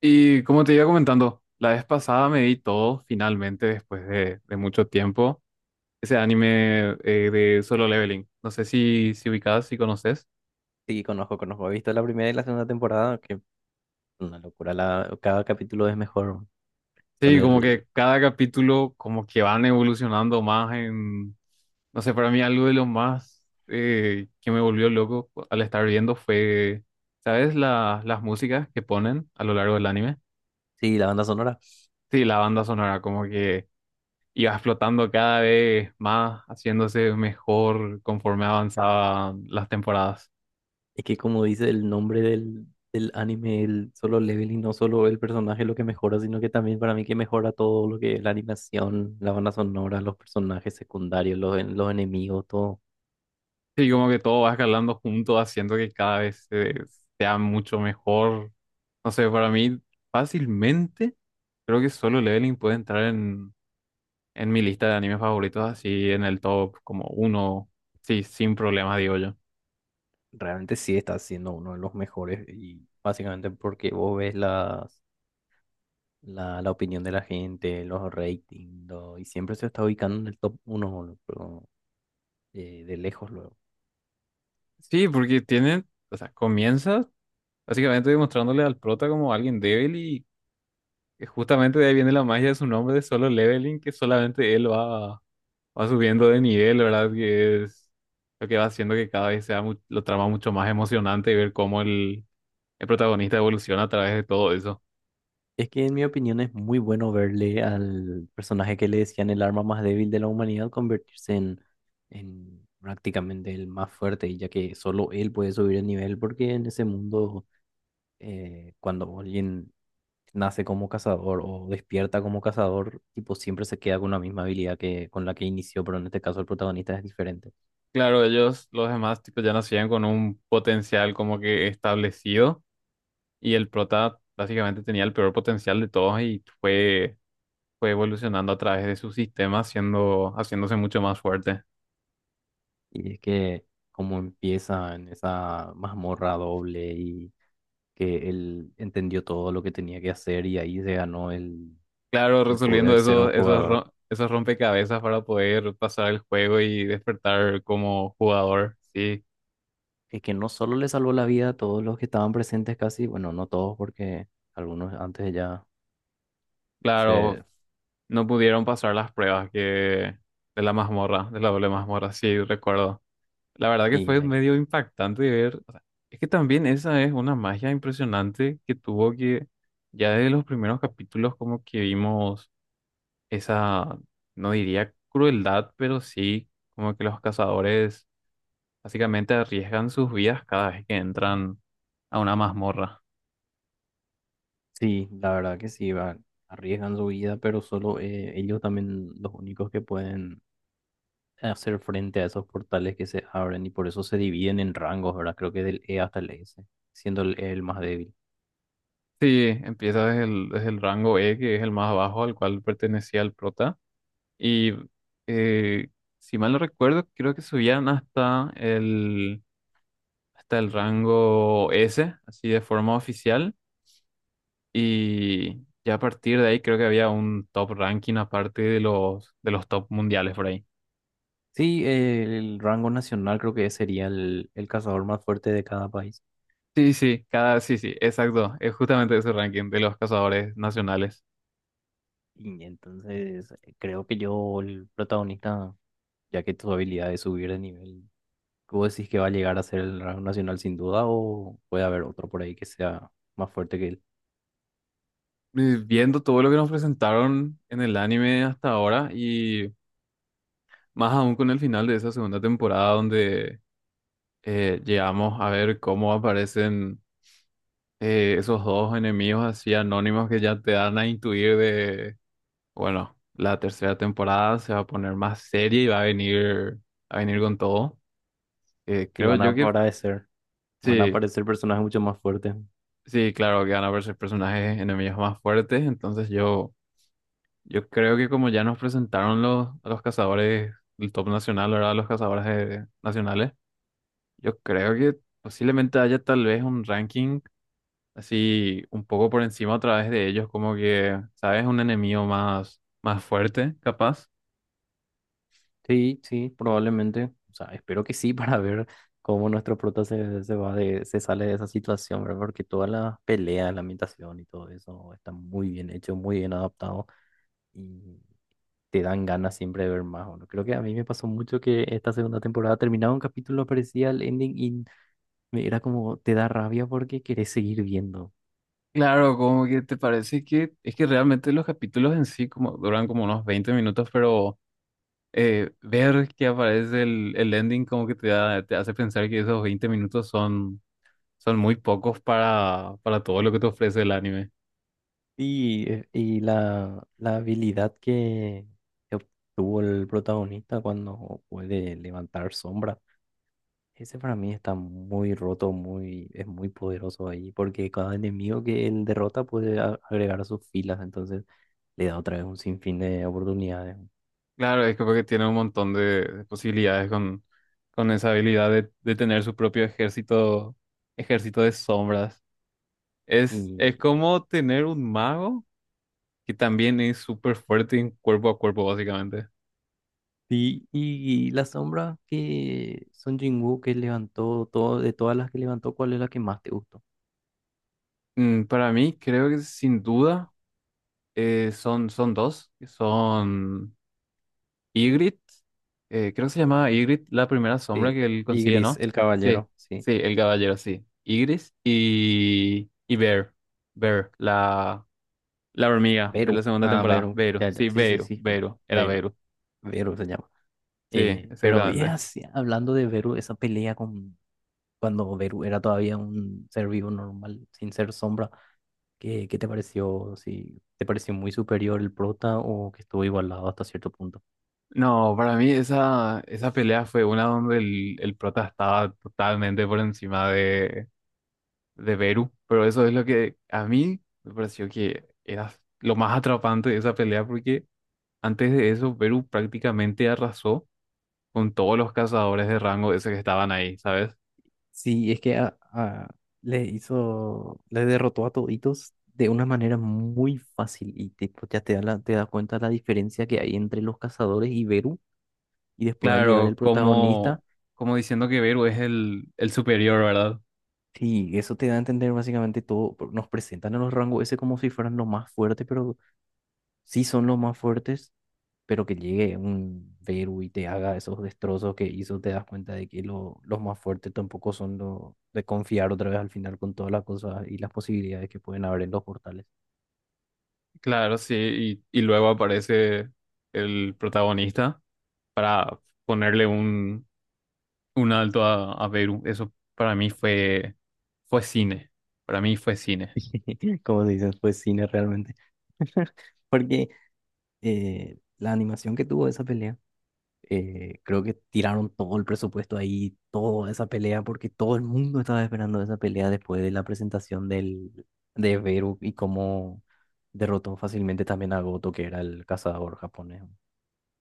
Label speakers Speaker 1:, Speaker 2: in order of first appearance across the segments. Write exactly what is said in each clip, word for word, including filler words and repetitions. Speaker 1: Y como te iba comentando, la vez pasada me vi todo finalmente después de, de mucho tiempo. Ese anime eh, de Solo Leveling. No sé si, si ubicás, si conoces.
Speaker 2: Sí, conozco, conozco. He visto la primera y la segunda temporada, que una locura. La, cada capítulo es mejor con
Speaker 1: Sí, como
Speaker 2: el...
Speaker 1: que cada capítulo como que van evolucionando más en... No sé, para mí algo de lo más eh, que me volvió loco al estar viendo fue, ¿sabes? La- las músicas que ponen a lo largo del anime.
Speaker 2: Sí, la banda sonora.
Speaker 1: Sí, la banda sonora, como que y va explotando cada vez más, haciéndose mejor conforme avanzaban las temporadas.
Speaker 2: Es que como dice el nombre del, del anime, el Solo Leveling, no solo el personaje es lo que mejora, sino que también para mí que mejora todo lo que es la animación, la banda sonora, los personajes secundarios, los, en- los enemigos, todo.
Speaker 1: Sí, como que todo va escalando junto, haciendo que cada vez se- sea mucho mejor. No sé, para mí fácilmente creo que Solo Leveling puede entrar en, en mi lista de animes favoritos, así en el top como uno, sí, sin problemas, digo yo.
Speaker 2: Realmente sí está siendo uno de los mejores y básicamente porque vos ves las... La, la opinión de la gente, los ratings, lo- y siempre se está ubicando en el top uno eh, de lejos luego.
Speaker 1: Sí, porque tiene, o sea, comienza básicamente demostrándole al prota como alguien débil y que justamente de ahí viene la magia de su nombre de Solo Leveling, que solamente él va, va subiendo de nivel, ¿verdad? Que es lo que va haciendo que cada vez sea mu- lo trama mucho más emocionante y ver cómo el, el protagonista evoluciona a través de todo eso.
Speaker 2: Es que en mi opinión es muy bueno verle al personaje que le decían el arma más débil de la humanidad convertirse en, en prácticamente el más fuerte, y ya que solo él puede subir el nivel, porque en ese mundo, eh, cuando alguien nace como cazador o despierta como cazador, tipo siempre se queda con la misma habilidad que con la que inició, pero en este caso el protagonista es diferente.
Speaker 1: Claro, ellos, los demás, tipo, ya nacían con un potencial como que establecido y el prota básicamente tenía el peor potencial de todos y fue, fue evolucionando a través de su sistema, haciendo, haciéndose mucho más fuerte.
Speaker 2: Y es que como empieza en esa mazmorra doble y que él entendió todo lo que tenía que hacer y ahí se ganó el,
Speaker 1: Claro,
Speaker 2: el
Speaker 1: resolviendo
Speaker 2: poder ser un
Speaker 1: esos, esos,
Speaker 2: jugador.
Speaker 1: ro- esos rompecabezas para poder pasar el juego y despertar como jugador. Sí,
Speaker 2: Es que no solo le salvó la vida a todos los que estaban presentes casi, bueno, no todos porque algunos antes ya se...
Speaker 1: claro, no pudieron pasar las pruebas que de la mazmorra, de la doble mazmorra, sí, recuerdo. La verdad que
Speaker 2: Y
Speaker 1: fue
Speaker 2: ahí-
Speaker 1: medio impactante de ver. O sea, es que también esa es una magia impresionante que tuvo que ya desde los primeros capítulos como que vimos esa, no diría crueldad, pero sí, como que los cazadores básicamente arriesgan sus vidas cada vez que entran a una mazmorra.
Speaker 2: sí, la verdad que sí, va, arriesgan su vida, pero solo eh, ellos también los únicos que pueden hacer frente a esos portales que se abren y por eso se dividen en rangos, ¿verdad? Creo que del E hasta el S, siendo el E el más débil.
Speaker 1: Sí, empieza desde el, desde el rango E, que es el más bajo al cual pertenecía el prota. Y eh, si mal no recuerdo, creo que subían hasta el, hasta el rango ese, así de forma oficial. Y ya a partir de ahí creo que había un top ranking aparte de los, de los top mundiales por ahí.
Speaker 2: Sí, eh, el rango nacional creo que sería el, el cazador más fuerte de cada país.
Speaker 1: Sí, sí, cada, sí, sí, exacto. Es justamente ese ranking de los cazadores nacionales.
Speaker 2: Y entonces eh, creo que yo, el protagonista, ya que tu habilidad es subir de nivel, ¿tú decís que va a llegar a ser el rango nacional sin duda o puede haber otro por ahí que sea más fuerte que él?
Speaker 1: eh, viendo todo lo que nos presentaron en el anime hasta ahora y más aún con el final de esa segunda temporada donde eh, llegamos a ver cómo aparecen eh, esos dos enemigos así anónimos que ya te dan a intuir de, bueno, la tercera temporada se va a poner más seria y va a venir, a venir con todo. Eh,
Speaker 2: Y
Speaker 1: creo
Speaker 2: van a
Speaker 1: yo que
Speaker 2: aparecer, van a
Speaker 1: sí,
Speaker 2: aparecer personajes mucho más fuertes.
Speaker 1: sí, claro que van a verse personajes enemigos más fuertes, entonces yo... Yo creo que como ya nos presentaron los, a los cazadores del top nacional, ¿verdad? Los cazadores eh, nacionales, yo creo que posiblemente haya tal vez un ranking así un poco por encima a través de ellos, como que, ¿sabes? Un enemigo más, más fuerte, capaz.
Speaker 2: Sí, sí, probablemente. O sea, espero que sí para ver cómo nuestro prota se, se va de, se sale de esa situación, ¿verdad? Porque toda la pelea, la ambientación y todo eso está muy bien hecho, muy bien adaptado y te dan ganas siempre de ver más. No creo que a mí me pasó mucho que esta segunda temporada terminaba un capítulo, aparecía el ending y me era como, te da rabia porque querés seguir viendo.
Speaker 1: Claro, como que te parece que es que realmente los capítulos en sí como duran como unos veinte minutos, pero eh, ver que aparece el, el ending como que te da, te hace pensar que esos veinte minutos son son muy pocos para, para todo lo que te ofrece el anime.
Speaker 2: Y, eh, y la, la habilidad que que obtuvo el protagonista cuando puede levantar sombras. Ese para mí está muy roto, muy, es muy poderoso ahí, porque cada enemigo que él derrota puede a- agregar a sus filas, entonces le da otra vez un sinfín de oportunidades.
Speaker 1: Claro, es que porque tiene un montón de, de posibilidades con, con esa habilidad de, de tener su propio ejército, ejército de sombras. Es, es
Speaker 2: Y,
Speaker 1: como tener un mago que también es súper fuerte en cuerpo a cuerpo, básicamente.
Speaker 2: y, y la sombra que Son Jinwoo que levantó, todo, de todas las que levantó, ¿cuál es la que más te gustó?
Speaker 1: Mm, para mí, creo que sin duda eh, son, son dos, que son Ygritte, eh, creo que se llamaba Ygritte la primera sombra
Speaker 2: Sí,
Speaker 1: que él
Speaker 2: y
Speaker 1: consigue,
Speaker 2: Gris,
Speaker 1: ¿no?
Speaker 2: el
Speaker 1: Sí,
Speaker 2: caballero, sí.
Speaker 1: sí, el caballero, sí. Ygritte y, y Bear, Bear, la, la hormiga de la
Speaker 2: Vero,
Speaker 1: segunda
Speaker 2: ah,
Speaker 1: temporada.
Speaker 2: Vero,
Speaker 1: Vero,
Speaker 2: ya,
Speaker 1: sí,
Speaker 2: ya, sí, sí,
Speaker 1: Vero,
Speaker 2: sí,
Speaker 1: Vero, era
Speaker 2: Vero,
Speaker 1: Vero.
Speaker 2: Vero se llama.
Speaker 1: Sí,
Speaker 2: Eh, pero ya,
Speaker 1: exactamente.
Speaker 2: sí, hablando de Vero, esa pelea con cuando Beru era todavía un ser vivo normal, sin ser sombra, ¿qué, qué te pareció? Si te pareció muy superior el prota o que estuvo igualado hasta cierto punto.
Speaker 1: No, para mí esa, esa pelea fue una donde el, el prota estaba totalmente por encima de, de Beru, pero eso es lo que a mí me pareció que era lo más atrapante de esa pelea porque... Antes de eso, Perú prácticamente arrasó con todos los cazadores de rango ese que estaban ahí, ¿sabes?
Speaker 2: Sí, es que a- a- le hizo, le derrotó a toditos de una manera muy fácil y tipo, ya te da la- te das cuenta la diferencia que hay entre los cazadores y Beru y después al llegar el
Speaker 1: Claro,
Speaker 2: protagonista,
Speaker 1: como, como diciendo que Perú es el, el superior, ¿verdad?
Speaker 2: sí, eso te da a entender básicamente todo, por- nos presentan a los rangos ese como si fueran los más fuertes, pero sí son los más fuertes pero que llegue un Beru y te haga esos destrozos que hizo, te das cuenta de que lo- los más fuertes tampoco son los de confiar otra vez al final con todas las cosas y las posibilidades que pueden haber en los portales.
Speaker 1: Claro, sí, y, y luego aparece el protagonista para ponerle un, un alto a, a Perú. Eso para mí fue, fue cine, para mí fue cine.
Speaker 2: Como se dice, fue cine realmente. Porque eh, la animación que tuvo esa pelea, Eh, creo que tiraron todo el presupuesto ahí, toda esa pelea, porque todo el mundo estaba esperando esa pelea después de la presentación del, de Beru y cómo derrotó fácilmente también a Goto, que era el cazador japonés.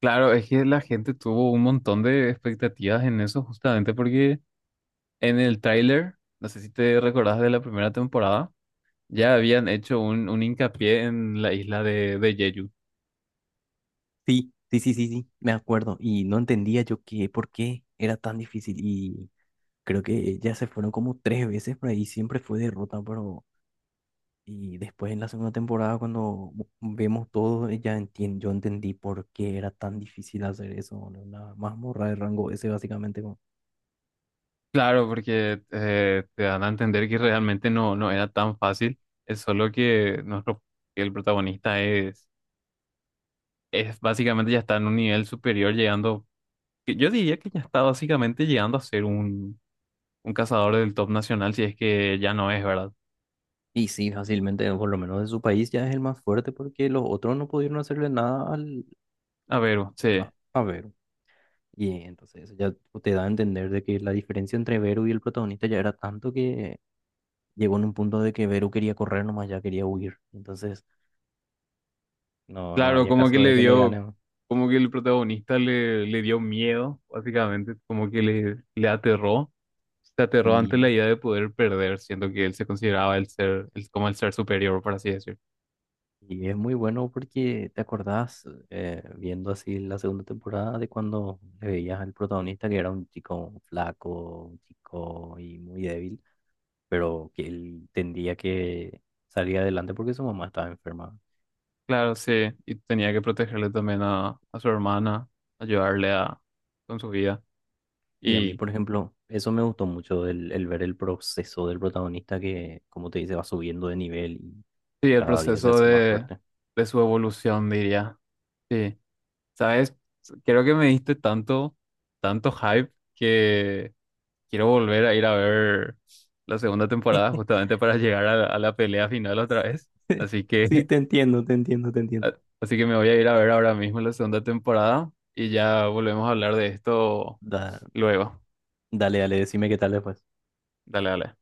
Speaker 1: Claro, es que la gente tuvo un montón de expectativas en eso justamente porque... En el tráiler, no sé si te recordás de la primera temporada, ya habían hecho un, un hincapié en la isla de, de Jeju.
Speaker 2: Sí, sí, sí, sí, sí, me acuerdo. Y no entendía yo qué, por qué era tan difícil. Y creo que ya se fueron como tres veces por ahí, siempre fue derrota, pero y después en la segunda temporada, cuando v- vemos todo, eh, ya entien- yo entendí por qué era tan difícil hacer eso, boludo. Una mazmorra de rango ese básicamente. Como-
Speaker 1: Claro, porque eh, te dan a entender que realmente no, no era tan fácil. Es solo que nuestro, que el protagonista es, es básicamente ya está en un nivel superior, llegando, que yo diría que ya está básicamente llegando a ser un, un cazador del top nacional, si es que ya no es, ¿verdad?
Speaker 2: y sí, fácilmente, por lo menos de su país, ya es el más fuerte porque los otros no pudieron hacerle nada al,
Speaker 1: A ver, sí.
Speaker 2: a, a Vero. Y entonces eso ya te da a entender de que la diferencia entre Vero y el protagonista ya era tanto que llegó en un punto de que Vero quería correr nomás, ya quería huir. Entonces, no, no
Speaker 1: Claro,
Speaker 2: había
Speaker 1: como que
Speaker 2: caso
Speaker 1: le
Speaker 2: de que le
Speaker 1: dio,
Speaker 2: ganen.
Speaker 1: como que el protagonista le, le dio miedo, básicamente, como que le, le aterró, se aterró ante la idea de poder perder, siendo que él se consideraba el ser, el- como el ser superior, por así decir.
Speaker 2: Y es muy bueno porque te acordás, eh, viendo así la segunda temporada, de cuando le veías al protagonista que era un chico flaco, un chico y muy débil, pero que él tendría que salir adelante porque su mamá estaba enferma.
Speaker 1: Claro, sí, y tenía que protegerle también a, a su hermana, ayudarle a, con su vida.
Speaker 2: Y a mí,
Speaker 1: Y
Speaker 2: por ejemplo, eso me gustó mucho, el, el ver el proceso del protagonista que, como te dice, va subiendo de nivel y
Speaker 1: sí, el
Speaker 2: cada día se
Speaker 1: proceso
Speaker 2: hace más
Speaker 1: de,
Speaker 2: fuerte.
Speaker 1: de su evolución, diría. Sí, ¿sabes? Creo que me diste tanto, tanto hype que... Quiero volver a ir a ver la segunda temporada justamente para llegar a la, a la pelea final otra vez. Así
Speaker 2: Sí,
Speaker 1: que,
Speaker 2: te entiendo, te entiendo, te entiendo.
Speaker 1: a- así que me voy a ir a ver ahora mismo la segunda temporada y ya volvemos a hablar de esto
Speaker 2: Da-
Speaker 1: luego.
Speaker 2: dale, dale, decime qué tal después.
Speaker 1: Dale, dale.